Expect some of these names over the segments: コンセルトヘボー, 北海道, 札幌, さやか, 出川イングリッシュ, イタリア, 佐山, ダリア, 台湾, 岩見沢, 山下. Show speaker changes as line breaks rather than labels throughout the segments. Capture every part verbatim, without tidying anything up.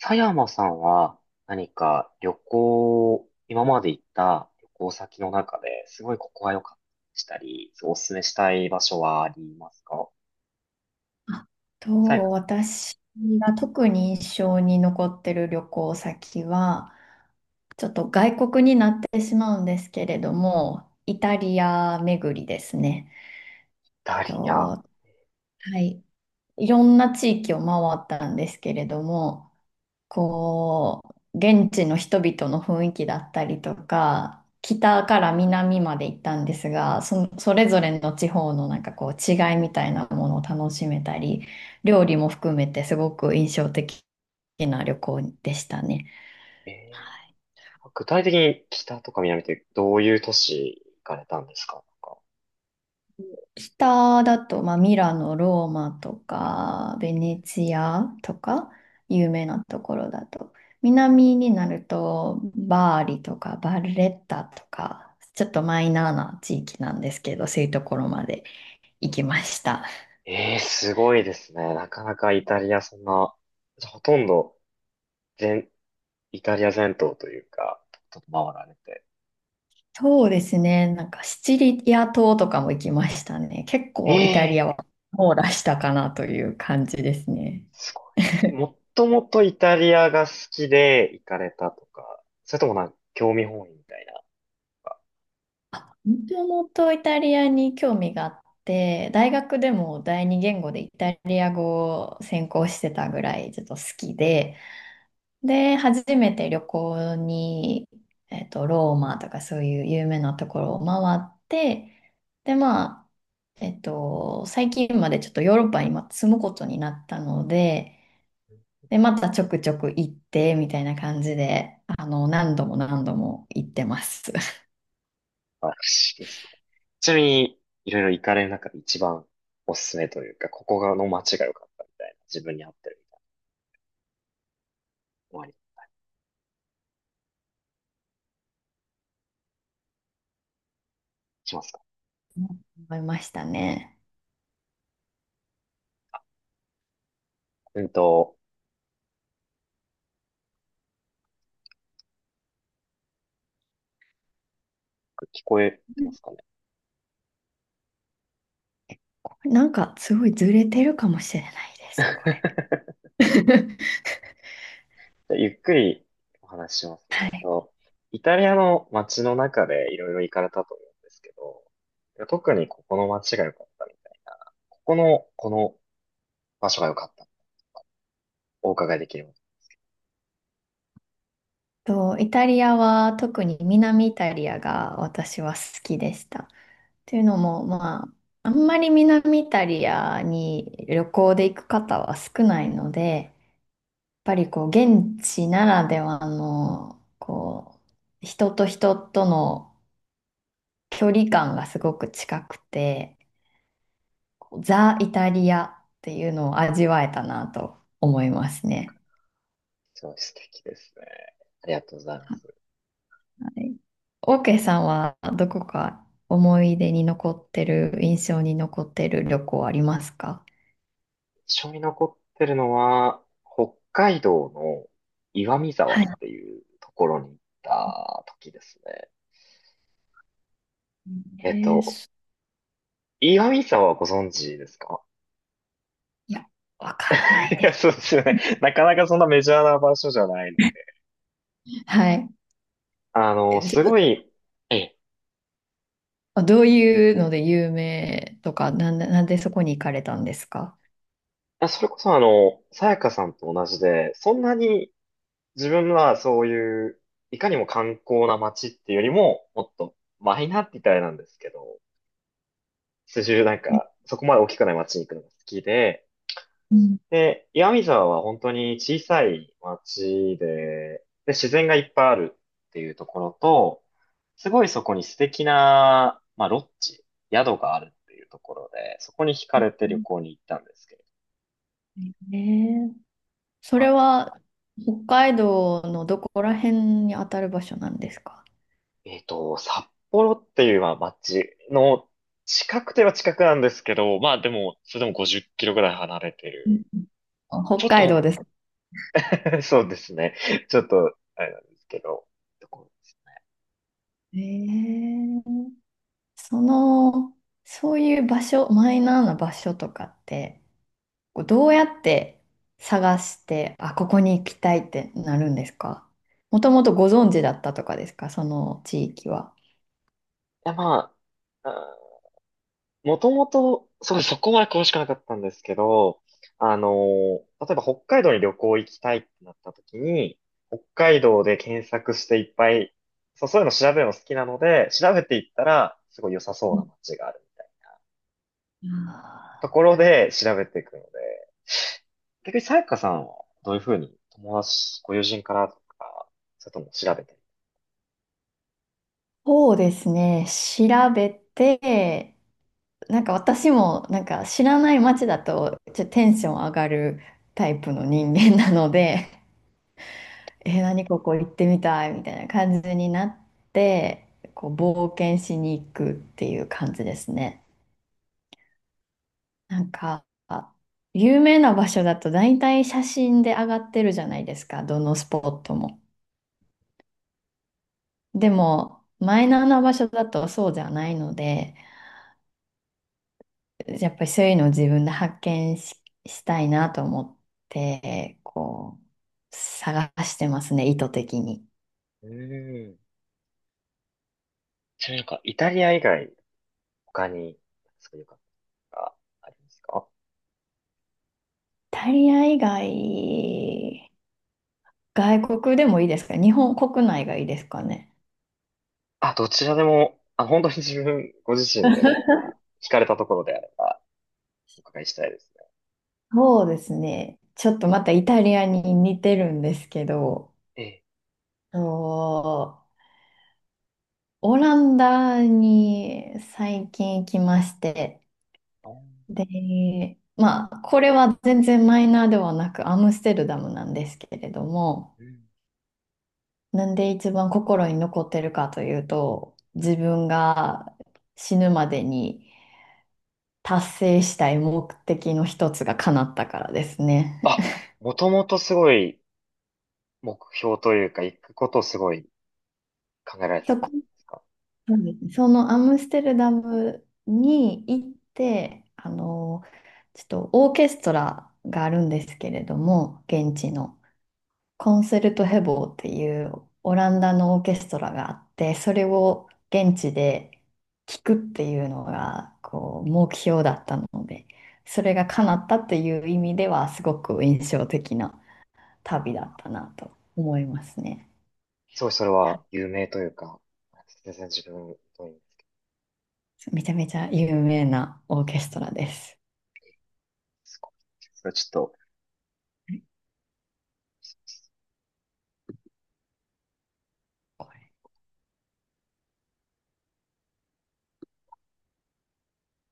佐山さんは何か旅行、今まで行った旅行先の中ですごいここは良かったしたり、すごいおすすめしたい場所はありますか？
あ
佐山
と、
さん、
私が特に印象に残ってる旅行先は、ちょっと外国になってしまうんですけれども、イタリア巡りですね。
ダリア。
はい。いろんな地域を回ったんですけれども、こう、現地の人々の雰囲気だったりとか、北から南まで行ったんですが、そ、それぞれの地方のなんかこう違いみたいなものを楽しめたり、料理も含めてすごく印象的な旅行でしたね。
え
は
ー、
い。
具体的に北とか南ってどういう都市行かれたんですか？なんか
下だと、まあ、ミラノ、ローマとか、ベネチアとか、有名なところだと。南になると、バーリとか、バルレッタとか、ちょっとマイナーな地域なんですけど、そういうところまで行きました。
えー、すごいですね。なかなかイタリアそんな、ほとんど全、イタリア全島というか、ちょっと回られて。
そうですね、なんかシチリア島とかも行きましたね。結
え
構イタリア
え、
は網羅したかなという感じですね。
すごいですね。もっともとイタリアが好きで行かれたとか、それともなんか興味本位みたいなのが
もともとイタリアに興味があって、大学でも第二言語でイタリア語を専攻してたぐらいちょっと好きで、で、初めて旅行に、えっと、ローマとかそういう有名なところを回って、で、まあ、えっと、最近までちょっとヨーロッパに今住むことになったので、で、またちょくちょく行ってみたいな感じで、あの、何度も何度も行ってます。
あるしですね。ちなみに、いろいろ行かれる中で一番おすすめというか、ここがの街が良かったみたいな、自分に合ってるみたいなのありしますか？
思いましたね。
うんと、聞こえてますかね？
これなんかすごいずれてるかもしれないで
じ
す、これ。
ゃ あゆっくりお話ししますね。
は
えっ
い。
と、イタリアの街の中でいろいろ行かれたと思うんですけど、特にここの街が良かったみたいな、ここの、この場所が良かったお伺いできるの、
と、イタリアは特に南イタリアが私は好きでした。というのも、まあ、あんまり南イタリアに旅行で行く方は少ないので、やっぱりこう、現地ならではの、こう、人と人との距離感がすごく近くて、こうザ・イタリアっていうのを味わえたなと思いますね。
すごい素敵ですね。ありがとうございます。
はい。オーケーさんはどこか思い出に残ってる、印象に残ってる旅行ありますか？
一緒に残ってるのは、北海道の岩見沢
は
っ
い。
ていうところに行った時ですね。えっ
えー、
と、
す、
岩見沢はご存知ですか？
いや、わから な
い
いで
や、
す。
そうですよね。なかなかそんなメジャーな場所じゃないの。
はい。
あの、
え、ち
す
ょ
ご
っ
い、ええ、
とどういうので有名とか、なんで、なんでそこに行かれたんですか？
あ、それこそあの、さやかさんと同じで、そんなに自分はそういう、いかにも観光な街っていうよりも、もっとマイナーって言ったらあれなんですけど、数十なんか、そこまで大きくない街に行くのが好きで、
うん。
で、岩見沢は本当に小さい街で、で、自然がいっぱいあるっていうところと、すごいそこに素敵な、まあ、ロッジ、宿があるっていうところで、そこに惹かれて旅行に行ったんですけれど、
えー、そ
ま
れ
あ、
は北海道のどこら辺に当たる場所なんですか？
えっと、札幌っていうまあ街の近くては近くなんですけど、まあでも、それでもごじゅっキロぐらい離れて
うん、
る。
あ、
ち
北
ょっ
海道
と
です。
そうですね。ちょっと、あれなんですけど。こう、
ええ、その、そういう場所、マイナーな場所とかって、こうどうやって探して、あ、ここに行きたいってなるんですか？もともとご存知だったとかですか、その地域は。
いや、まあ、あー、もともと、そう、そこまで詳しくなかったんですけど、あのー、例えば北海道に旅行行きたいってなった時に、北海道で検索していっぱい、そう、そういうの調べるの好きなので、調べていったら、すごい良さそ
う
うな
ん、
街があるみたいな
あ
と
ー、
ころで調べていくので、逆にさやかさんはどういうふうに友達、ご友人からとか、それとも調べてる。
そうですね、調べて、なんか私もなんか知らない街だとちょっとテンション上がるタイプの人間なので、えー、何ここ行ってみたいみたいな感じになって、こう冒険しに行くっていう感じですね。なんか、有名な場所だと大体写真で上がってるじゃないですか、どのスポットも。でも、マイナーな場所だとそうじゃないので、やっぱりそういうのを自分で発見し、したいなと思って、こう、探してますね、意図的に。イ
うーん、ちなみになんか、イタリア以外、他に、すごい良かったがありますか？
タリア以外、外国でもいいですか、日本国内がいいですかね？
あ、どちらでも、あ、本当に自分、ご自身で何か、惹かれたところであれば、お伺いしたいですね。
そうですね。ちょっとまたイタリアに似てるんですけど、
ええ。
と、オランダに最近行きまして、
あー、
で、まあ、これは全然マイナーではなくアムステルダムなんですけれども、
うん、
なんで一番心に残ってるかというと、自分が死ぬまでに達成したい目的の一つが叶ったからですね。
あ、もともとすごい、目標というか、行くことをすごい考えられた
そ
って
こ、
ことですか？
そうですね、そのアムステルダムに行って、あの、ちょっとオーケストラがあるんですけれども、現地のコンセルトヘボーっていうオランダのオーケストラがあって、それを現地で聴くっていうのがこう目標だったので、それが叶ったっていう意味ではすごく印象的な旅だったなと思いますね。
すごい、それ
は
は、
い、
有名というか、全然自分、どういうんで
めちゃめちゃ有名なオーケストラです。
すか？それはちょっと、
これ、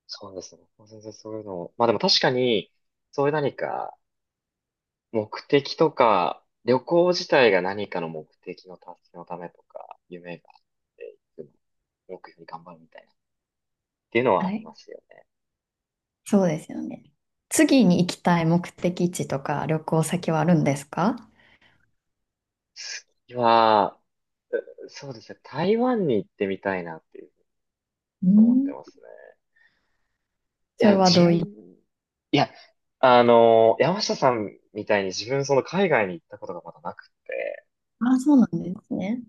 そうですね。全然そういうのを、まあでも確かに、そういう何か、目的とか、旅行自体が何かの目的の達成のためとか、夢があっていくの、目標に頑張るみたいな、っていうのは
は
あり
い、
ますよね。
そうですよね。次に行きたい目的地とか旅行先はあるんですか？
次は、う、そうですね、台湾に行ってみたいなっていうふうに
う
思って
ん。
ますね。い
それ
や、
は
自
どうい、
分、いや、あの、山下さんみたいに自分その海外に行ったことがまだなくて、
あ、そうなんですね。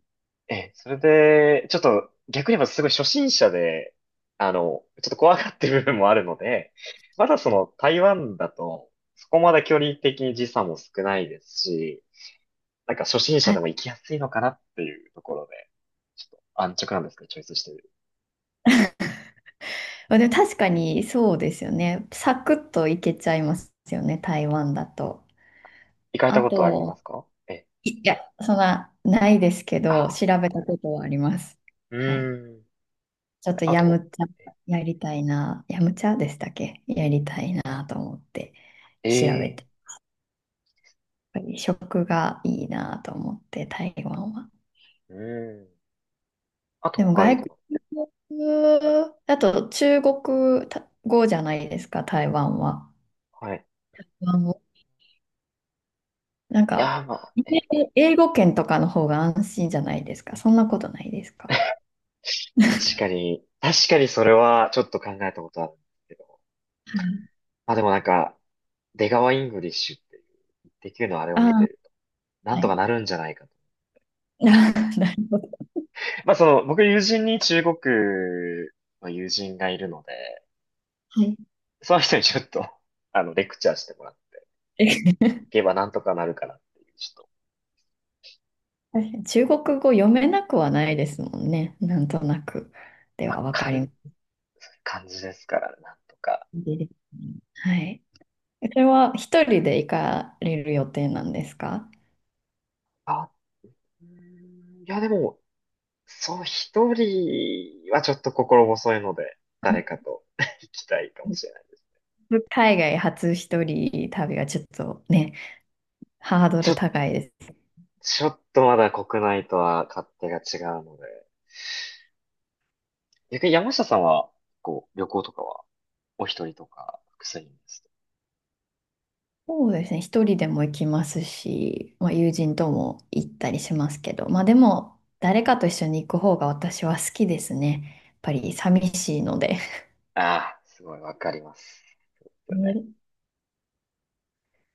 ええ、それで、ちょっと逆に言えばすごい初心者で、あの、ちょっと怖がってる部分もあるので、まだその台湾だと、そこまで距離的に時差も少ないですし、なんか初心者
は
で
い。
も行きやすいのかなっていうところで、ちょっと安直なんですけど、チョイスしてる。
まあでも確かにそうですよね。サクッと行けちゃいますよね、台湾だと。
行かれ
あ
たことあり
と、
ますか？ええ、
いいや、そんな、ないですけ
あ、
ど、調べたことはあります。
う
はい。
ーん。
ちょっと
あ
ヤ
と、
ムチャやりたいな、ヤムチャでしたっけ、やりたいなと思って
え
調べ
え、
て、やっぱり食がいいなと思って、台湾は。
うーん。あと
でも
北海
外
道
国、
の。
あと中国語じゃないですか、台湾は。あ
はい。
の、なん
いや
か、
ー、まあ、ええ、
英語圏とかの方が安心じゃないですか。そんなことないですか？
確かに、確かにそれはちょっと考えたことあるんですけど。
はい。
まあでもなんか、出川イングリッシュっていう、できるのあれ
あ
を見て
あ、
ると、なん
は
と
い。
かなるんじゃないかと。
ああ、なる
まあその、僕友人に中国の友人がいるので、
ほど。はい、
その人にちょっと、あの、レクチャーしてもらっ
え、
ていけばなんとかなるかなっていう、ちょっと、
確かに中国語読めなくはないですもんね。なんとなくで
ま
は
あ、
分
か
かり
ん、
ます。
感じですからね、なんとか。
いいですね、はい。それは一人で行かれる予定なんですか？
あ、うーん、いやでも、そう、一人はちょっと心細いので、誰かと 行きたいかもしれない。
海外初一人旅はちょっとね、ハード
ち
ル
ょっ、
高いです。
ちょっとまだ国内とは勝手が違うので。逆に山下さんは、こう、旅行とかは、お一人とか、複数人ですと。
そうですね。一人でも行きますし、まあ、友人とも行ったりしますけど、まあでも、誰かと一緒に行く方が私は好きですね。やっぱり寂しいので。
ああ、すごいわかります。
ね。